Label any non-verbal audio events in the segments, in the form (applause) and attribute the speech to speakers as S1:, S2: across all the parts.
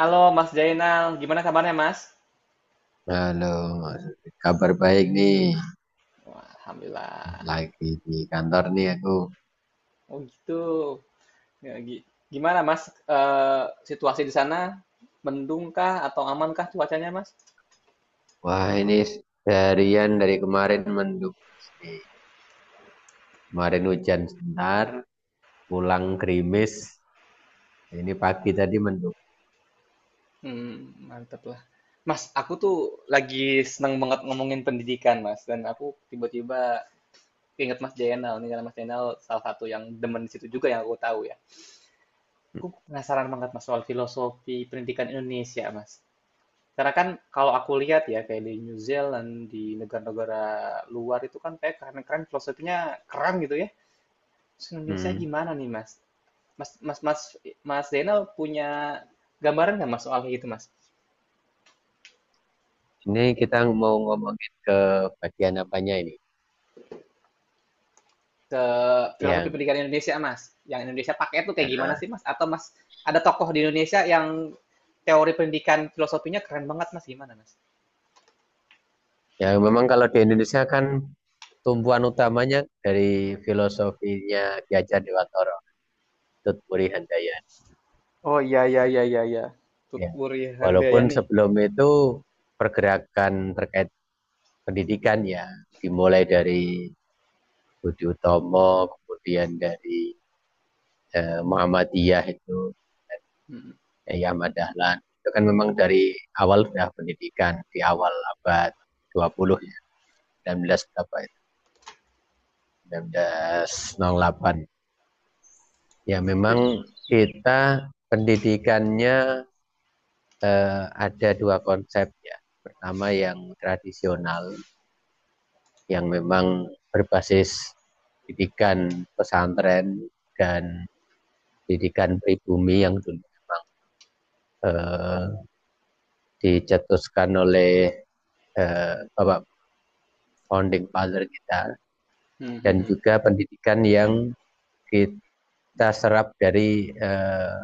S1: Halo Mas Jainal, gimana kabarnya Mas?
S2: Halo, Mas. Kabar baik nih.
S1: Wah, Alhamdulillah.
S2: Lagi di kantor nih aku.
S1: Oh gitu. Ya, gi- Gimana Mas eh, situasi di sana? Mendung kah atau aman kah cuacanya Mas?
S2: Wah, ini seharian dari kemarin mendung nih. Kemarin hujan sebentar, pulang gerimis. Ini pagi tadi mendung.
S1: Mantep lah. Mas, aku tuh lagi seneng banget ngomongin pendidikan Mas. Dan aku tiba-tiba inget Mas Jainal. Nih karena Mas Jainal salah satu yang demen di situ juga yang aku tahu ya. Aku penasaran banget Mas soal filosofi pendidikan Indonesia Mas. Karena kan kalau aku lihat ya kayak di New Zealand, di negara-negara luar itu kan kayak keren-keren filosofinya keren gitu ya. Terus Indonesia
S2: Hmm.
S1: gimana nih Mas? Mas Mas Zainal punya gambaran nggak Mas soal kayak gitu Mas?
S2: Ini kita mau ngomongin ke bagian apanya ini?
S1: Ke filosofi
S2: Yang
S1: pendidikan Indonesia Mas, yang Indonesia pakai itu kayak gimana
S2: Aha.
S1: sih Mas? Atau Mas ada tokoh di Indonesia yang teori pendidikan filosofinya keren banget Mas gimana Mas?
S2: Yang memang kalau di Indonesia kan tumpuan utamanya dari filosofinya Ki Hajar Dewantara, Tut Muri Handayani.
S1: Oh iya iya iya iya iya. Tut
S2: Ya,
S1: Wuri
S2: walaupun
S1: Handayani.
S2: sebelum itu pergerakan terkait pendidikan ya dimulai dari Budi Utomo, kemudian dari Muhammadiyah itu
S1: Hmm.
S2: Yai Ahmad Dahlan. Itu kan memang dari awal sudah pendidikan di awal abad 20 ya, 19 berapa itu? 1908. Ya
S1: Tapi-
S2: memang
S1: Hmm.
S2: kita pendidikannya ada dua konsep ya. Pertama yang tradisional yang memang berbasis pendidikan pesantren dan pendidikan pribumi yang dulu memang eh, dicetuskan oleh Bapak Founding Father kita
S1: Hmm, hmm,
S2: dan
S1: hmm.
S2: juga pendidikan yang kita serap dari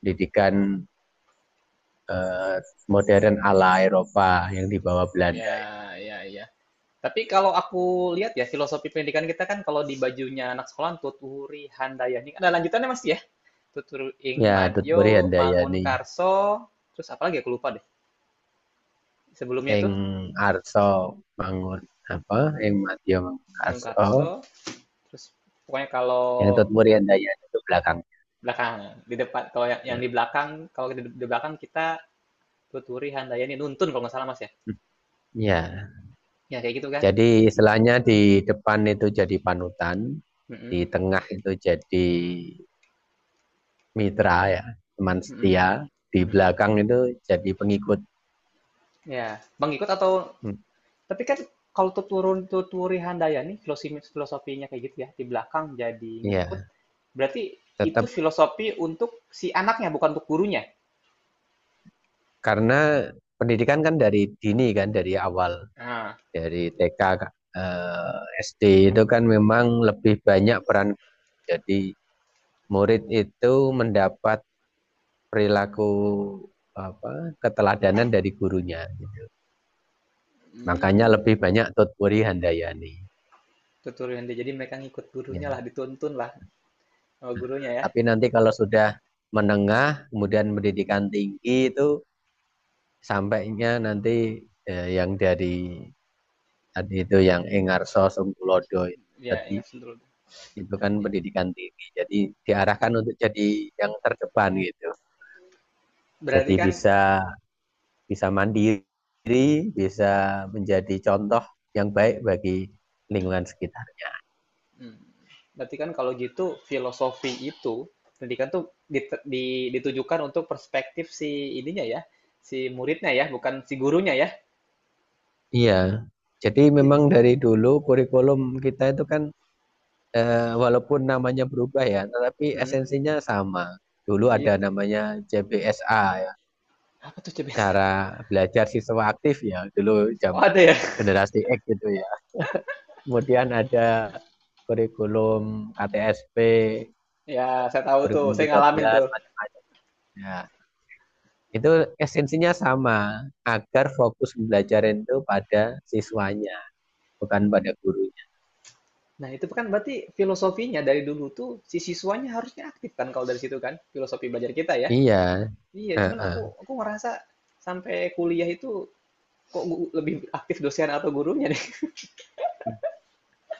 S2: pendidikan eh, modern ala Eropa yang dibawa Belanda.
S1: Ya, ya, ya. Tapi kalau aku lihat ya filosofi pendidikan kita kan kalau di bajunya anak sekolah Tuturi Handayani ada lanjutannya mas ya Tuturu Ing
S2: Ya,
S1: Madyo
S2: Tutburi
S1: Mangun
S2: Handayani
S1: Karso terus apa lagi aku lupa deh sebelumnya itu
S2: ing arsa mangun apa ing madya mangun
S1: Mangun
S2: arsa
S1: Karso terus pokoknya kalau
S2: yang tutmur yang daya itu belakang.
S1: belakang di depan kalau yang
S2: Nah,
S1: di belakang kalau di belakang kita Tuturi Handayani nuntun kalau nggak salah mas ya
S2: hmm, ya,
S1: ya kayak gitu kan.
S2: jadi istilahnya di depan itu jadi panutan,
S1: Mm-mm,
S2: di tengah itu jadi mitra ya, teman
S1: mm-mm,
S2: setia, di
S1: mm-mm.
S2: belakang itu jadi pengikut.
S1: Ya Bang ikut atau
S2: Hmm.
S1: tapi kan kalau Tuturun Tuturi Handayani filosofinya kayak gitu ya, di belakang jadi ngikut,
S2: Ya,
S1: berarti itu
S2: tetap
S1: filosofi untuk si anaknya, bukan untuk gurunya.
S2: karena pendidikan kan dari dini kan dari awal,
S1: Nah,
S2: dari TK eh, SD itu kan memang lebih banyak peran jadi murid itu mendapat perilaku apa keteladanan dari gurunya gitu. Makanya
S1: hmm,
S2: lebih banyak Tutpuri Handayani.
S1: Tuturi Handayani. Jadi mereka ngikut
S2: Ya.
S1: gurunya lah, dituntun lah sama gurunya ya.
S2: Tapi nanti kalau sudah menengah kemudian pendidikan tinggi itu sampainya nanti yang dari tadi itu yang Engarso Sungkulodo
S1: Ya,
S2: tadi
S1: ingat dulu.
S2: itu kan pendidikan tinggi. Jadi diarahkan untuk jadi yang terdepan gitu.
S1: Berarti
S2: Jadi
S1: kan,
S2: bisa bisa mandiri, bisa menjadi contoh yang baik bagi lingkungan sekitar.
S1: hmm, berarti kan kalau gitu filosofi itu, pendidikan tuh ditujukan untuk perspektif si ininya ya, si muridnya ya, bukan si gurunya ya.
S2: Iya, jadi
S1: Iya.
S2: memang dari dulu kurikulum kita itu kan walaupun namanya berubah ya, tetapi
S1: hmm,
S2: esensinya sama. Dulu ada
S1: Gitu.
S2: namanya JBSA ya,
S1: Apa tuh coba yang
S2: cara belajar siswa aktif ya, dulu
S1: oh
S2: zaman
S1: ada ya? (laughs)
S2: generasi X gitu ya. Kemudian ada kurikulum KTSP,
S1: Ya
S2: kan,
S1: saya tahu tuh,
S2: kurikulum
S1: saya ngalamin
S2: 13,
S1: tuh.
S2: macam-macam. Nah, itu esensinya sama, agar fokus belajar itu pada siswanya, bukan pada gurunya.
S1: Nah itu kan berarti filosofinya dari dulu tuh si siswanya harusnya aktif kan kalau dari situ kan filosofi belajar kita ya.
S2: Iya.
S1: Iya, cuman aku
S2: Heeh.
S1: aku ngerasa sampai kuliah itu lebih aktif dosen atau gurunya nih.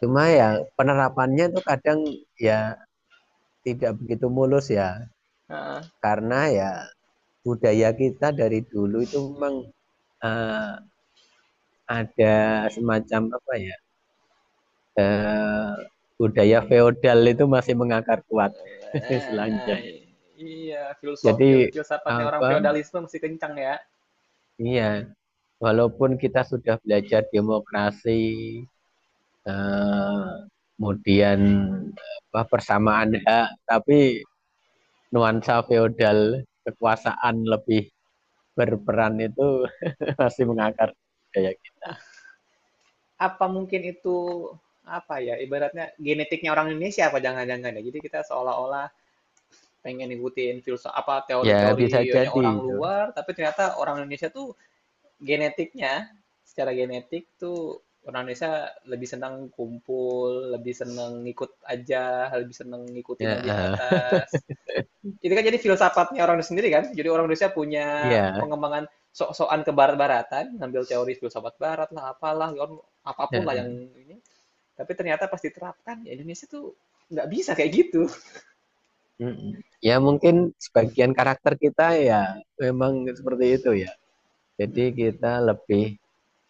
S2: Cuma ya penerapannya tuh kadang ya tidak begitu mulus ya,
S1: (laughs) Heeh.
S2: karena ya budaya kita dari dulu itu memang eh, ada semacam apa ya eh, budaya feodal itu masih mengakar kuat (laughs) istilahnya.
S1: Eh, Iya,
S2: Jadi
S1: filsafatnya orang
S2: apa
S1: feodalisme masih kencang ya.
S2: iya walaupun kita sudah belajar demokrasi eh, kemudian apa persamaan hak, tapi nuansa feodal kekuasaan lebih berperan itu (laughs) masih mengakar kayak gitu.
S1: Apa mungkin itu apa ya ibaratnya genetiknya orang Indonesia apa jangan-jangan ya. Jadi kita seolah-olah pengen ngikutin filsafat apa,
S2: Ya bisa
S1: teori-teorinya
S2: jadi
S1: orang
S2: itu.
S1: luar, tapi ternyata orang Indonesia tuh genetiknya, secara genetik tuh orang Indonesia lebih senang kumpul, lebih senang ngikut aja, lebih senang ngikutin
S2: Ya,
S1: yang di atas. Itu kan jadi filsafatnya orang Indonesia sendiri kan. Jadi orang Indonesia punya
S2: iya.
S1: pengembangan sok-sokan ke barat-baratan, ngambil teori filsafat barat lah, apalah,
S2: ya,
S1: apapun lah yang
S2: eh,
S1: ini. Tapi ternyata pas diterapkan, ya Indonesia tuh nggak bisa kayak gitu.
S2: Ya mungkin sebagian karakter kita ya memang seperti itu ya. Jadi kita lebih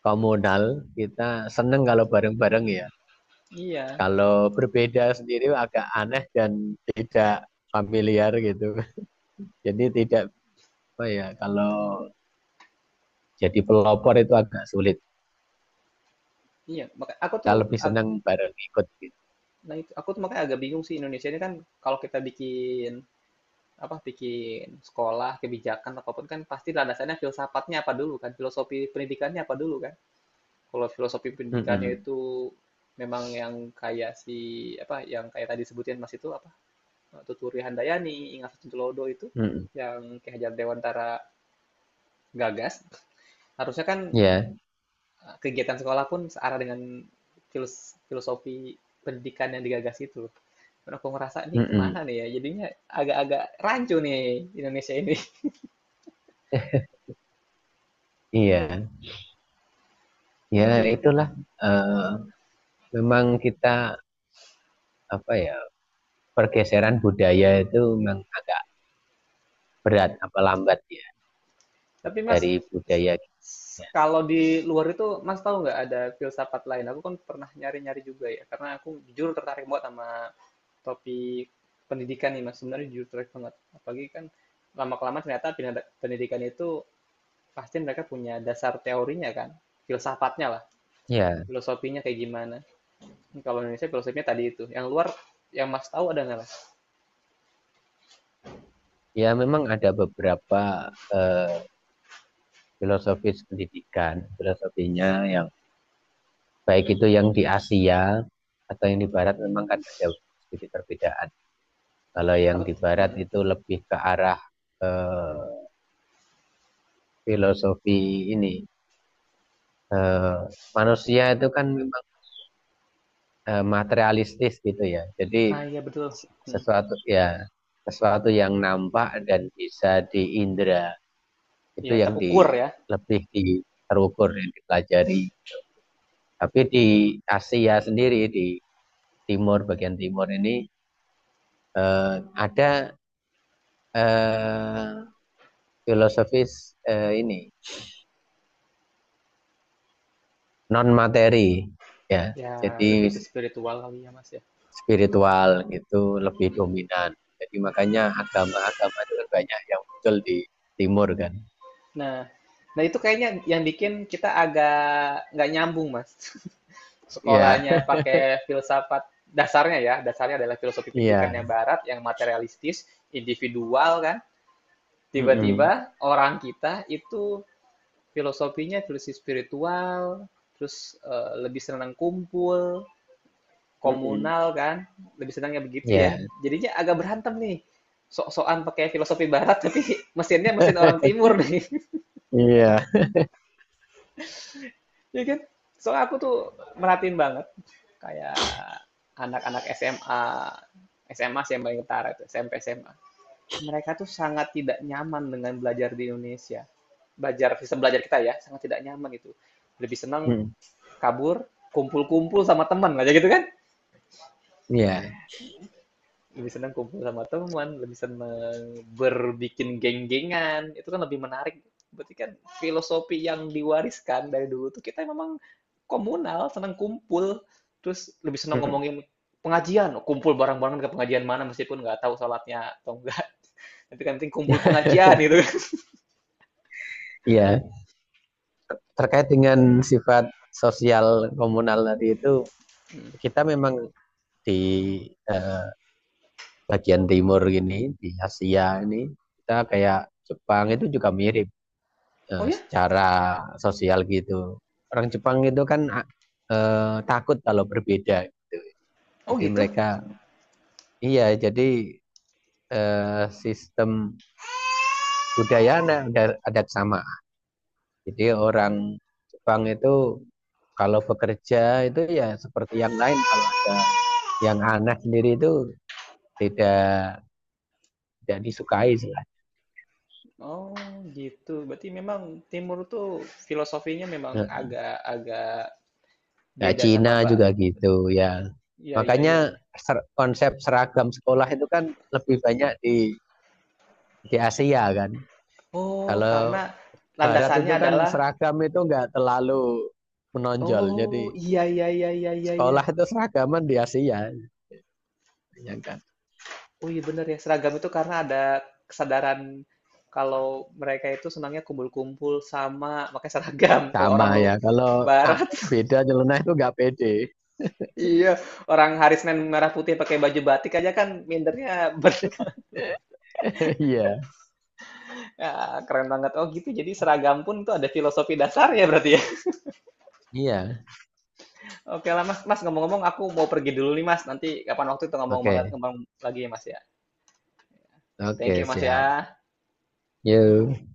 S2: komunal, kita seneng kalau bareng-bareng ya.
S1: (laughs) Iya.
S2: Kalau berbeda sendiri agak aneh dan tidak familiar gitu. (laughs) Jadi tidak apa ya kalau jadi pelopor itu agak sulit.
S1: Iya, maka aku
S2: Kita
S1: tuh
S2: lebih
S1: ag
S2: senang bareng ikut gitu.
S1: nah itu aku tuh makanya agak bingung sih Indonesia ini kan kalau kita bikin apa bikin sekolah, kebijakan apapun kan pasti landasannya filsafatnya apa dulu kan, filosofi pendidikannya apa dulu kan. Kalau filosofi pendidikannya
S2: Mm-mm.
S1: itu memang yang kayak si apa yang kayak tadi sebutin Mas itu apa Tuturi Handayani, Ingat Satu Lodo itu
S2: Mm-mm.
S1: yang Ki Hajar Dewantara gagas, harusnya kan
S2: Ya.
S1: kegiatan sekolah pun searah dengan filosofi pendidikan yang digagas itu. Dan aku ngerasa nih kemana
S2: Mm-mm.
S1: nih ya? Jadinya agak-agak rancu nih Indonesia ini.
S2: Iya,
S1: (laughs)
S2: ya
S1: itu.
S2: itulah. Eh, Memang kita apa ya pergeseran budaya itu memang agak berat apa lambat ya
S1: Tapi Mas,
S2: dari budaya kita.
S1: kalau di luar itu Mas tahu nggak ada filsafat lain? Aku kan pernah nyari-nyari juga ya, karena aku jujur tertarik banget sama topik pendidikan nih Mas. Sebenarnya jujur tertarik banget. Apalagi kan lama-kelamaan ternyata pendidikan itu pasti mereka punya dasar teorinya kan, filsafatnya
S2: Ya,
S1: filosofinya kayak gimana? Kalau Indonesia filosofinya tadi itu. Yang luar, yang Mas tahu ada nggak, Mas?
S2: ya memang ada beberapa eh, filosofis pendidikan filosofinya yang baik itu yang di Asia atau yang di Barat memang kan ada sedikit perbedaan. Kalau yang
S1: Apa?
S2: di Barat
S1: Hmm.
S2: itu lebih ke arah eh, filosofi ini eh, manusia itu kan memang materialistis gitu ya. Jadi
S1: Nah, iya betul. Hmm.
S2: sesuatu ya sesuatu yang nampak dan bisa diindra itu
S1: Ya,
S2: yang
S1: terukur
S2: di
S1: ya.
S2: lebih terukur yang dipelajari. Tapi di Asia sendiri di timur bagian timur ini ada eh, filosofis ini non materi ya.
S1: Ya,
S2: Jadi
S1: lebih ke spiritual kali ya, Mas ya.
S2: spiritual gitu lebih
S1: Hmm.
S2: dominan. Jadi makanya agama-agama itu kan banyak yang muncul di timur kan.
S1: Nah, nah itu kayaknya yang bikin kita agak nggak nyambung, Mas. (laughs)
S2: Iya,
S1: Sekolahnya pakai filsafat dasarnya ya, dasarnya adalah filosofi
S2: (laughs) iya.
S1: pendidikannya barat yang materialistis, individual kan.
S2: Mm-mm.
S1: Tiba-tiba orang kita itu filosofinya filosofi spiritual, terus, lebih senang kumpul,
S2: Mm-mm.
S1: komunal kan, lebih senangnya begitu ya.
S2: Iya,
S1: Jadinya agak berantem nih, sok-sokan pakai filosofi barat (laughs) tapi mesinnya mesin orang timur nih,
S2: iya.
S1: (laughs) ya kan? Soalnya aku tuh merhatiin banget kayak anak-anak SMA, SMA sih yang paling ketara tuh, SMP, SMA. Mereka tuh sangat tidak nyaman dengan belajar di Indonesia, belajar sistem belajar kita ya, sangat tidak nyaman gitu. Lebih senang
S2: Mm.
S1: kabur kumpul-kumpul sama teman aja gitu kan
S2: Iya.
S1: lebih seneng kumpul sama teman lebih seneng berbikin geng-gengan itu kan lebih menarik berarti kan filosofi yang diwariskan dari dulu tuh kita memang komunal seneng kumpul terus lebih seneng
S2: Mm.
S1: ngomongin pengajian. Oh, kumpul bareng-bareng ke pengajian mana meskipun nggak tahu sholatnya atau enggak (laughs) tapi kan penting kumpul
S2: (laughs)
S1: pengajian gitu kan
S2: Iya. Terkait dengan sifat sosial komunal tadi itu, kita memang di eh, bagian timur gini, di Asia ini, kita kayak Jepang itu juga mirip.
S1: oh ya
S2: Secara sosial gitu. Orang Jepang itu kan takut kalau berbeda gitu.
S1: oh
S2: Jadi
S1: gitu
S2: mereka iya jadi sistem budaya ada ada kesamaan. Jadi orang Jepang itu kalau bekerja itu ya seperti yang lain kalau ada yang aneh sendiri itu tidak tidak disukai sih.
S1: oh gitu berarti memang timur tuh filosofinya memang
S2: Eh,
S1: agak agak
S2: Ya,
S1: beda
S2: Cina
S1: sama.
S2: juga gitu ya.
S1: Iya iya
S2: Makanya
S1: iya iya.
S2: konsep seragam sekolah itu kan lebih banyak di Asia kan.
S1: Oh, karena
S2: Kalau Barat
S1: landasannya
S2: itu kan
S1: adalah
S2: seragam itu nggak terlalu menonjol.
S1: oh
S2: Jadi
S1: iya iya iya iya iya iya.
S2: sekolah itu seragaman di Asia, ya kan.
S1: Oh iya bener ya seragam itu karena ada kesadaran kalau mereka itu senangnya kumpul-kumpul sama pakai seragam. (laughs) Kalau
S2: Sama
S1: orang lu
S2: ya. Kalau ah,
S1: barat,
S2: beda nyeleneh itu nggak pede.
S1: (laughs) iya orang hari Senin merah putih pakai baju batik aja kan mindernya ber- (laughs)
S2: (laughs) Iya,
S1: Ya, keren banget. Oh gitu. Jadi seragam pun itu ada filosofi dasarnya berarti ya.
S2: iya.
S1: (laughs) Oke lah Mas. Mas ngomong-ngomong aku mau pergi dulu nih Mas. Nanti kapan waktu itu ngomong banget
S2: Oke,
S1: ngomong lagi ya Mas ya.
S2: oke
S1: Thank you Mas
S2: siap.
S1: ya.
S2: Yuk.